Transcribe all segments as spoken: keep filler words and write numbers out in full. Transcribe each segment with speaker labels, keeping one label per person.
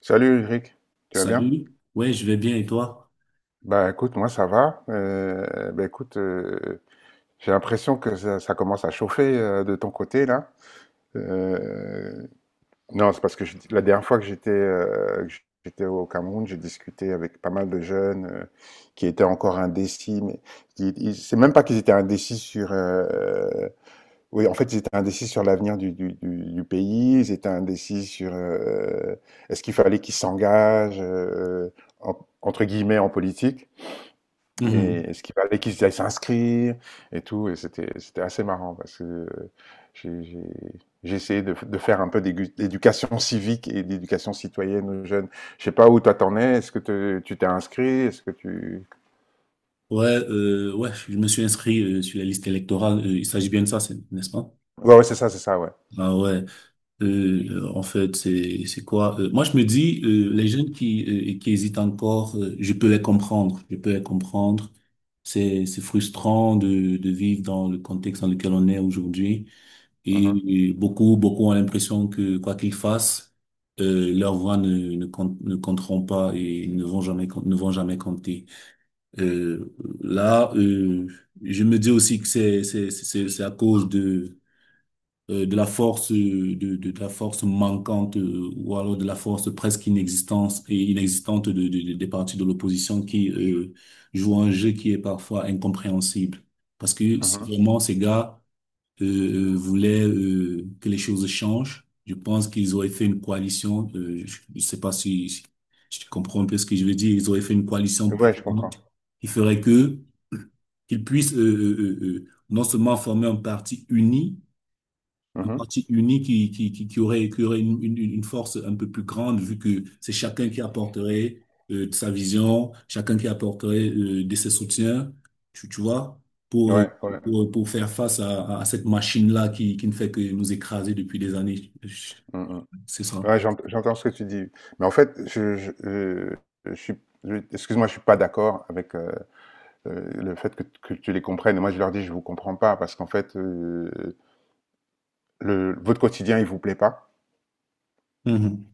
Speaker 1: Salut Eric, tu vas bien?
Speaker 2: Salut, ouais, je vais bien et toi?
Speaker 1: Bah écoute, moi ça va. Euh, bah écoute, euh, j'ai l'impression que ça, ça commence à chauffer euh, de ton côté là. Euh, non, c'est parce que je- la dernière fois que j'étais euh, que j'étais au Cameroun, j'ai discuté avec pas mal de jeunes euh, qui étaient encore indécis, mais qui- ils- c'est même pas qu'ils étaient indécis sur euh, oui, en fait, ils étaient indécis sur l'avenir du, du, du, du pays, ils étaient indécis sur euh, est-ce qu'il fallait qu'ils s'engagent, euh, en- entre guillemets, en politique, et
Speaker 2: Mhm.
Speaker 1: est-ce qu'il fallait qu'ils aillent s'inscrire, et tout, et c'était, c'était assez marrant, parce que euh, j'ai, j'ai, j'ai essayé de, de faire un peu d'égu- d'éducation civique et d'éducation citoyenne aux jeunes. Je sais pas où toi t'en es, est-ce que te- tu t'es inscrit, est-ce que tu...
Speaker 2: Ouais, euh, ouais, je me suis inscrit euh, sur la liste électorale. Euh, il s'agit bien de ça, c'est- n'est-ce pas?
Speaker 1: Ouais, ouais, c'est ça, c'est ça, ouais.
Speaker 2: Ah ouais. Euh, euh, en fait, c'est c'est quoi? Euh, moi, je me dis, euh, les jeunes qui euh, qui hésitent encore, euh, je peux les comprendre. Je peux les comprendre. C'est c'est frustrant de de vivre dans le contexte dans lequel on est aujourd'hui.
Speaker 1: Mhm,
Speaker 2: Et, et beaucoup beaucoup ont l'impression que quoi qu'ils fassent, euh, leur voix ne ne compte- ne compteront pas et ne vont jamais com- ne vont jamais compter. Euh, là, euh, je me dis aussi que c'est c'est c'est c'est à cause de euh, de la force euh, de, de de la force manquante euh, ou alors de la force presque inexistante et inexistante de, de- de- des partis de l'opposition qui euh, jouent un jeu qui est parfois incompréhensible. Parce que si vraiment ces gars euh, euh, voulaient euh, que les choses changent, je pense qu'ils auraient fait une coalition. Euh, je ne sais pas si, si si tu comprends un peu ce que je veux dire. Ils auraient fait une coalition
Speaker 1: mhm. Ouais, je comprends.
Speaker 2: puissante qui ferait que qu'ils puissent euh, euh, euh, euh, non seulement former un parti uni, un
Speaker 1: Mhm.
Speaker 2: parti uni qui, qui, qui, qui aurait, qui aurait une, une, une force un peu plus grande, vu que c'est chacun qui apporterait euh, de sa vision, chacun qui apporterait euh, de ses soutiens, tu, tu vois, pour, euh,
Speaker 1: Ouais, ouais.
Speaker 2: pour, pour faire face à, à cette machine-là qui, qui ne fait que nous écraser depuis des années.
Speaker 1: Mhm.
Speaker 2: C'est ça.
Speaker 1: Ouais, j'ent- j'entends ce que tu dis. Mais en fait, je, je, je, je suis, je- excuse-moi, je suis pas d'accord avec euh, euh, le fait que, que tu les comprennes. Moi, je leur dis, je vous comprends pas, parce qu'en fait, euh, le, votre quotidien, il vous plaît pas.
Speaker 2: Mhm.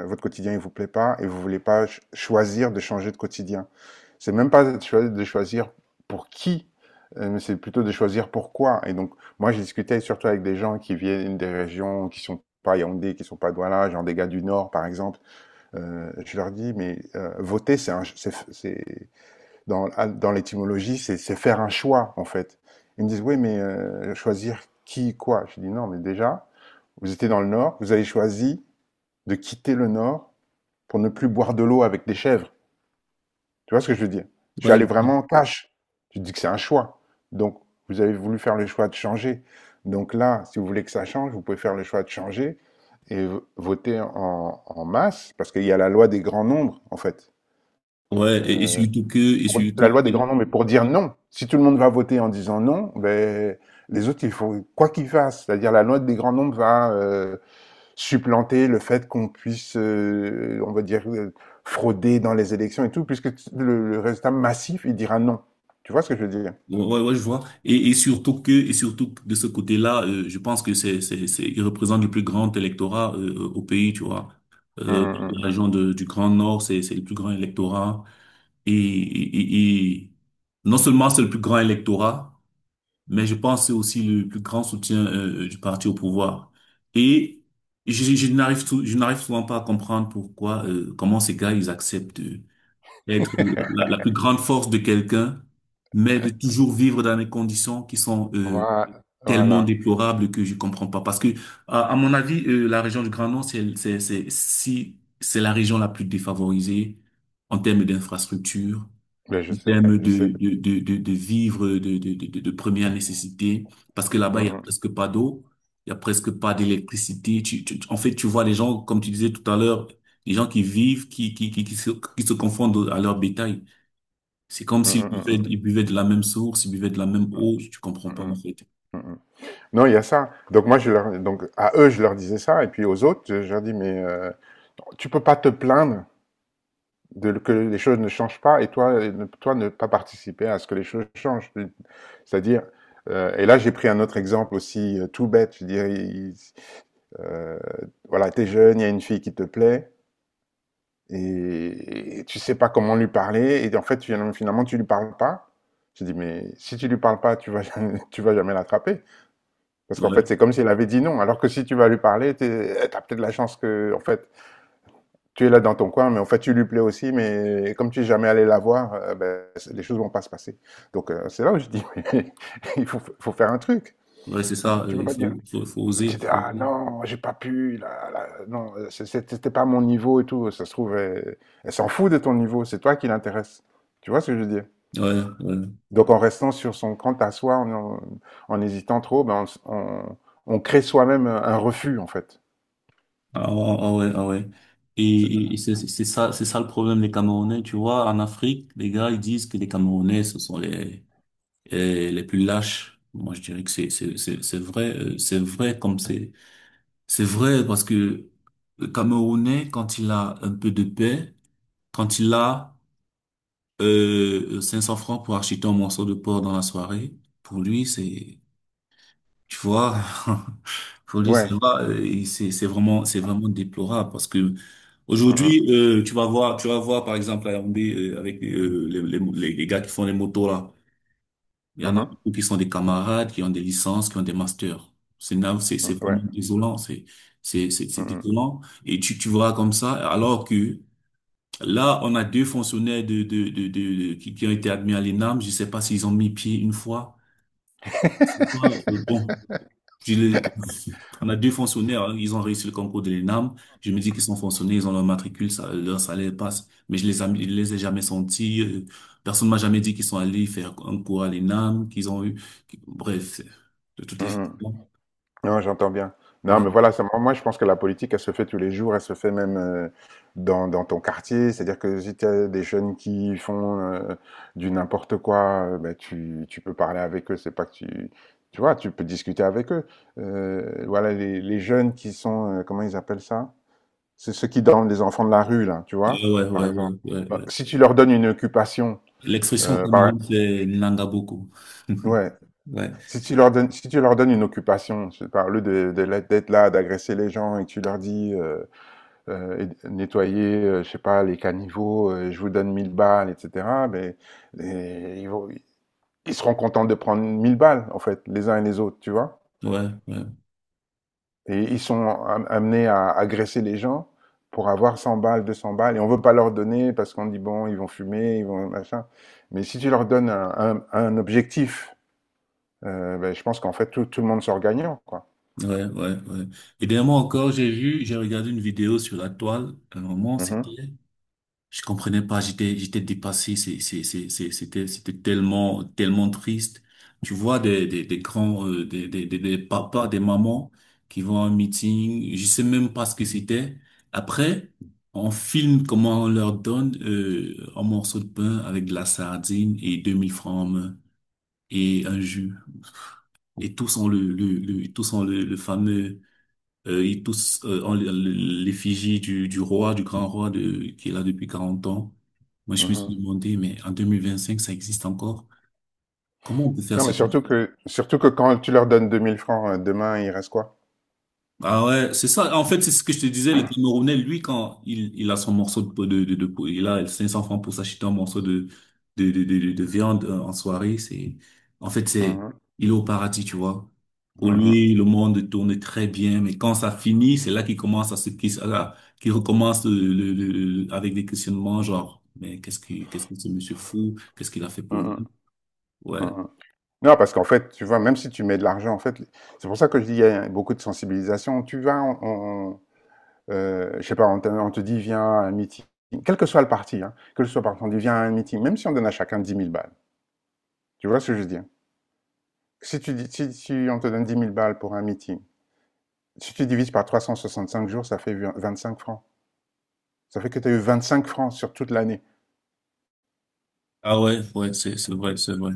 Speaker 1: Euh, Votre quotidien, il vous plaît pas, et vous voulez pas ch- choisir de changer de quotidien. C'est même pas de choi- de choisir pour qui, euh, mais c'est plutôt de choisir pourquoi. Et donc, moi, j'ai discuté surtout avec des gens qui viennent des régions qui sont pas Yaoundé, qui sont pas Douala, genre des gars du Nord, par exemple. Euh, je leur dis, mais euh, voter, c'est un- c'est- c'est- dans, ah, dans l'étymologie, c'est c'est faire un choix, en fait. Ils me disent, oui, mais euh, choisir qui, quoi? Je dis, non, mais déjà, vous étiez dans le Nord, vous avez choisi de quitter le Nord pour ne plus boire de l'eau avec des chèvres. Tu vois ce que je veux dire? Je suis allé
Speaker 2: Ouais,
Speaker 1: vraiment en cash. Je dis que c'est un choix. Donc, vous avez voulu faire le choix de changer. Donc là, si vous voulez que ça change, vous pouvez faire le choix de changer et voter en, en masse, parce qu'il y a la loi des grands nombres, en fait.
Speaker 2: ouais, et et
Speaker 1: euh,
Speaker 2: surtout que, et
Speaker 1: pour la
Speaker 2: surtout,
Speaker 1: loi des grands nombres mais pour dire non. Si tout le monde va voter en disant non, ben, les autres, il faut quoi qu'ils fassent. C'est-à-dire la loi des grands nombres va euh, supplanter le fait qu'on puisse, euh, on va dire, euh, frauder dans les élections et tout, puisque le, le, résultat massif, il dira non. Tu vois ce que je veux dire?
Speaker 2: Ouais, ouais, ouais, je vois. Et, et surtout que, et surtout que de ce côté-là, euh, je pense que c'est, c'est, c'est, il représente le plus grand électorat euh, au pays, tu vois.
Speaker 1: Mm,
Speaker 2: Euh,
Speaker 1: mm,
Speaker 2: la
Speaker 1: mm.
Speaker 2: région de- du Grand Nord, c'est, c'est le plus grand électorat. Et, et, et, et non seulement c'est le plus grand électorat, mais je pense que c'est aussi le plus grand soutien euh, euh, du parti au pouvoir. Et je, je n'arrive, sou- je n'arrive souvent pas à comprendre pourquoi, euh, comment ces gars, ils acceptent. Euh, être la, la- la plus grande force de quelqu'un, mais de toujours vivre dans des conditions qui sont euh,
Speaker 1: Voilà,
Speaker 2: tellement
Speaker 1: voilà.
Speaker 2: déplorables que je comprends pas. Parce que, à, à mon avis, euh, la région du Grand Nord, c'est, c'est, c'est, si, c'est la région la plus défavorisée en termes d'infrastructure,
Speaker 1: Ben, je
Speaker 2: en
Speaker 1: sais,
Speaker 2: termes
Speaker 1: je
Speaker 2: de,
Speaker 1: sais.
Speaker 2: de, de, de, de vivres de, de, de, de de première nécessité, parce que là-bas, il y a
Speaker 1: Mm,
Speaker 2: presque pas d'eau. Il y a presque pas d'électricité. Tu, tu- tu- en fait, tu vois les gens, comme tu disais tout à l'heure, les gens qui vivent, qui, qui, qui, qui se, qui se confondent à leur bétail. C'est comme
Speaker 1: mm,
Speaker 2: s'ils
Speaker 1: mm,
Speaker 2: buvaient,
Speaker 1: mm,
Speaker 2: ils buvaient de la même source, ils buvaient de la même eau, tu comprends
Speaker 1: mm,
Speaker 2: pas en
Speaker 1: mm,
Speaker 2: fait.
Speaker 1: mm, mm. Non, il y a ça. Donc moi, je leur, donc à eux, je leur disais ça, et puis aux autres, je leur dis mais euh, tu peux pas te plaindre de, que les choses ne changent pas et toi, et ne- toi ne pas participer à ce que les choses changent. Tu- C'est-à-dire, euh, et là j'ai pris un autre exemple aussi euh, tout bête, je dirais, il- euh, voilà, t'es jeune, il y a une fille qui te plaît et, et tu sais pas comment lui parler et en fait finalement, finalement tu lui parles pas. Je dis mais si tu lui parles pas, tu vas jamais, tu vas jamais l'attraper parce qu'en fait
Speaker 2: Ouais,
Speaker 1: c'est comme si elle avait dit non alors que si tu vas lui parler, t'es- t'as peut-être la chance que en fait tu es là dans ton coin, mais en fait, tu lui plais aussi, mais comme tu n'es jamais allé la voir, euh, ben, c- les choses vont pas se passer. Donc, euh, c'est là où je dis, mais il faut, faut faire un truc.
Speaker 2: ouais, c'est
Speaker 1: On peut-
Speaker 2: ça,
Speaker 1: tu
Speaker 2: euh,
Speaker 1: peux
Speaker 2: il
Speaker 1: pas
Speaker 2: faut,
Speaker 1: dire,
Speaker 2: faut, faut
Speaker 1: tu
Speaker 2: oser.
Speaker 1: dis,
Speaker 2: Faut
Speaker 1: ah
Speaker 2: oser.
Speaker 1: non, j'ai pas pu, là, là, non, euh, c'est- c'est- c'était pas mon niveau et tout. Ça se trouve, elle, elle s'en fout de ton niveau, c'est toi qui l'intéresse. Tu vois ce que je veux dire?
Speaker 2: Ouais, ouais.
Speaker 1: Donc, en restant sur son compte à soi, en, en- en hésitant trop, ben, on, s- on- on crée soi-même un un refus, en fait.
Speaker 2: Ah, ah, ah ouais, ah ouais. Et,
Speaker 1: C'est-
Speaker 2: et- et c'est c'est ça, c'est ça le problème des Camerounais, tu vois. En Afrique, les gars, ils disent que les Camerounais, ce sont les, les les plus lâches. Moi, je dirais que c'est, c'est, c'est c'est vrai, euh, c'est vrai comme c'est, c'est vrai parce que le Camerounais, quand il a un peu de paix, quand il a Euh, cinq cents francs pour acheter un morceau de porc dans la soirée, pour lui, c'est, tu vois, pour lui, ça
Speaker 1: Ouais.
Speaker 2: va, euh, il- c'est, c'est vraiment, c'est vraiment déplorable parce que
Speaker 1: Mhm.
Speaker 2: aujourd'hui, euh, tu vas voir, tu vas voir, par exemple, à Yaoundé, euh, avec euh, les, les, les- les gars qui font les motos là, il y en a beaucoup qui sont des camarades, qui ont des licences, qui ont des masters. C'est, na- c'est
Speaker 1: Mhm.
Speaker 2: c'est vraiment
Speaker 1: Ouais.
Speaker 2: désolant, c'est, c'est, c'est c'est
Speaker 1: Mhm.
Speaker 2: désolant. Et tu, tu vois comme ça, alors que là, on a deux fonctionnaires de, de, de, de- de- qui, qui ont été admis à l'E N A M. Je ne sais pas s'ils ont mis pied une fois. C'est pas euh, bon. Je les- on a deux fonctionnaires, hein, ils ont réussi le concours de l'E N A M. Je me dis qu'ils sont fonctionnaires, ils ont leur matricule, ça, leur salaire passe. Mais je les ai, je les ai jamais sentis. euh, Personne m'a jamais dit qu'ils sont allés faire un cours à l'E N A M, qu'ils ont eu. qu'- Bref, c'est- de toutes
Speaker 1: Mmh
Speaker 2: les
Speaker 1: mh.
Speaker 2: façons.
Speaker 1: Non, j'entends bien. Non,
Speaker 2: Ouais,
Speaker 1: mais voilà, ça, moi je pense que la politique, elle se fait tous les jours, elle se fait même euh, dans, dans ton quartier. C'est-à-dire que si tu as des jeunes qui font euh, du n'importe quoi, euh, ben, tu, tu peux parler avec eux. C'est pas que tu, tu vois, tu peux discuter avec eux. Euh, voilà, les, les jeunes qui sont, euh, comment ils appellent ça? C'est ceux qui dorment les enfants de la rue, là, tu vois,
Speaker 2: ouais, ouais,
Speaker 1: par
Speaker 2: ouais,
Speaker 1: exemple.
Speaker 2: ouais,
Speaker 1: Ben,
Speaker 2: ouais.
Speaker 1: si tu leur donnes une occupation,
Speaker 2: L'expression au
Speaker 1: euh, par-
Speaker 2: Cameroun, c'est Nanga beaucoup.
Speaker 1: ouais,
Speaker 2: Ouais,
Speaker 1: si tu leur donnes, si tu leur donnes une occupation, je parle de, de la- d'être là, d'agresser les gens et que tu leur dis euh, euh, et- nettoyer, euh, je sais pas, les caniveaux, euh, je vous donne mille balles, et cétéra. Mais et ils, vont- ils seront contents de prendre mille balles, en fait, les uns et les autres, tu vois.
Speaker 2: ouais, ouais.
Speaker 1: Et ils sont am- amenés à agresser les gens pour avoir cent balles, deux cents balles, et on veut pas leur donner parce qu'on dit bon, ils vont fumer, ils vont machin. Mais si tu leur donnes un, un- un objectif, euh, ben, je pense qu'en fait tout, tout le monde sort gagnant, quoi.
Speaker 2: Ouais, ouais, ouais. Et dernièrement encore, j'ai vu, j'ai regardé une vidéo sur la toile. À un moment,
Speaker 1: Mhm.
Speaker 2: c'était, je comprenais pas, j'étais, j'étais dépassé. C'est, c'est, c'est, c'est- c'était, c'était tellement, tellement triste. Tu vois des, des, des grands, euh, des, des, des, des papas, des mamans qui vont à un meeting. Je sais même pas ce que c'était. Après, on filme comment on leur donne, euh, un morceau de pain avec de la sardine et deux mille francs en main et un jus. Et tous ont le, le, le, tous ont le le fameux euh, ils tous euh, ont l'effigie du, du roi, du grand roi de, qui est là depuis quarante ans. Moi, je me suis
Speaker 1: Mhm.
Speaker 2: demandé, mais en deux mille vingt-cinq, ça existe encore? Comment on peut faire
Speaker 1: Non,
Speaker 2: ce
Speaker 1: mais surtout que, surtout que quand tu leur donnes deux mille francs, euh, demain, il reste quoi?
Speaker 2: Ah ouais, c'est ça. En fait, c'est ce que je te disais, le Camerounais, lui, quand il, il a son morceau de, de, de, de- il a cinq cents francs pour s'acheter un morceau de, de, de, de, de- de viande euh, en soirée, c'est, en fait, c'est,
Speaker 1: Mhm,
Speaker 2: il est au paradis, tu vois. Pour
Speaker 1: mhm,
Speaker 2: lui, le monde tourne très bien, mais quand ça finit, c'est là qu'il commence à se, qu'il, à- qu'il recommence le, le- le- le- avec des questionnements, genre, mais qu'est-ce que, qu'est-ce que ce monsieur fou? Qu'est-ce qu'il a fait pour
Speaker 1: mhm,
Speaker 2: nous? Ouais.
Speaker 1: mhm. Non, parce qu'en fait, tu vois, même si tu mets de l'argent, en fait, c'est pour ça que je dis, il y a beaucoup de sensibilisation. Tu vas, on, on- euh, je sais pas, on te, on te dit, viens à un meeting, quel que soit le parti, hein, quel que soit le parti, on dit, viens à un meeting, même si on donne à chacun dix mille balles. Tu vois ce que je veux dire? Si tu dis, si, si on te donne dix mille balles pour un meeting, si tu divises par trois cent soixante-cinq jours, ça fait vingt-cinq francs. Ça fait que tu as eu vingt-cinq francs sur toute l'année.
Speaker 2: Ah ouais, ouais, c'est, c'est vrai, c'est vrai.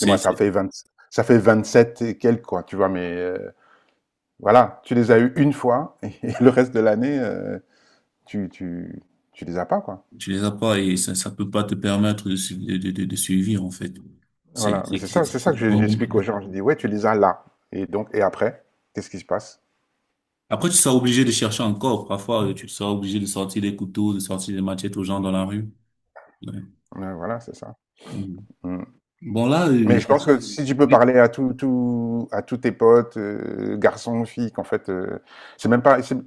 Speaker 1: Et moi, ça fait vingt, ça fait vingt-sept et quelques, quoi, tu vois, mais euh, voilà, tu les as eu une fois, et, le reste de l'année, euh, tu, tu, tu les as pas, quoi.
Speaker 2: Tu les as pas et ça, ça peut pas te permettre de, su- de, de, de de suivre, en fait. C'est,
Speaker 1: Voilà, mais
Speaker 2: c'est,
Speaker 1: c'est
Speaker 2: c'est,
Speaker 1: ça,
Speaker 2: c'est-
Speaker 1: c'est ça que
Speaker 2: c'est
Speaker 1: je-
Speaker 2: vraiment-
Speaker 1: j'explique aux gens. Je dis, ouais, tu les as là. Et donc, et après, qu'est-ce qui se passe?
Speaker 2: Après, tu seras obligé de chercher encore. Parfois, euh, tu seras obligé de sortir des couteaux, de sortir des machettes aux gens dans la rue. Ouais.
Speaker 1: Euh, voilà, c'est ça.
Speaker 2: Mhm.
Speaker 1: Mm.
Speaker 2: Bon, là, euh,
Speaker 1: Mais je
Speaker 2: j'ai-
Speaker 1: pense que si tu peux
Speaker 2: oui.
Speaker 1: parler à tout, tout, à tous tes potes, euh, garçons, filles, qu'en fait, euh, c'est même pas, c'est-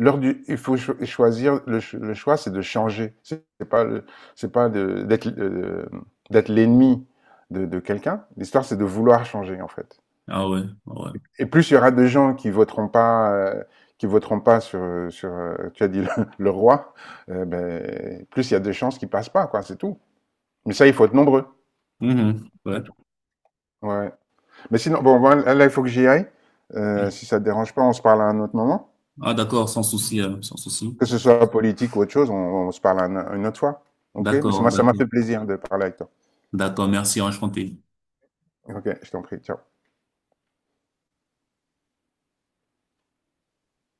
Speaker 1: l'heure du, il faut cho- choisir. Le, ch- le choix, c'est de changer. C'est c'est pas, le- c'est pas de- d'être, euh, d'être l'ennemi de, de quelqu'un. L'histoire, c'est de vouloir changer, en fait.
Speaker 2: Ah ouais, ah ouais.
Speaker 1: Et plus il y aura de gens qui voteront pas, euh, qui voteront pas sur, euh, sur, euh, tu as dit le, le roi, euh, ben, plus il y a de chances qu'ils passent pas, quoi. C'est tout. Mais ça, il faut être nombreux.
Speaker 2: Mhm. Ouais.
Speaker 1: C'est tout. Ouais. Mais sinon, bon, voilà, là, il faut que j'y aille. Euh, si ça te dérange pas, on se parle à un autre moment.
Speaker 2: Ah d'accord, sans souci, euh, sans souci.
Speaker 1: Que ce soit politique ou autre chose, on, on se parle un- une autre fois. OK? Mais
Speaker 2: D'accord,
Speaker 1: ça m'a
Speaker 2: d'accord.
Speaker 1: fait plaisir de parler avec toi.
Speaker 2: D'accord, merci, enchanté.
Speaker 1: OK, je t'en prie. Ciao.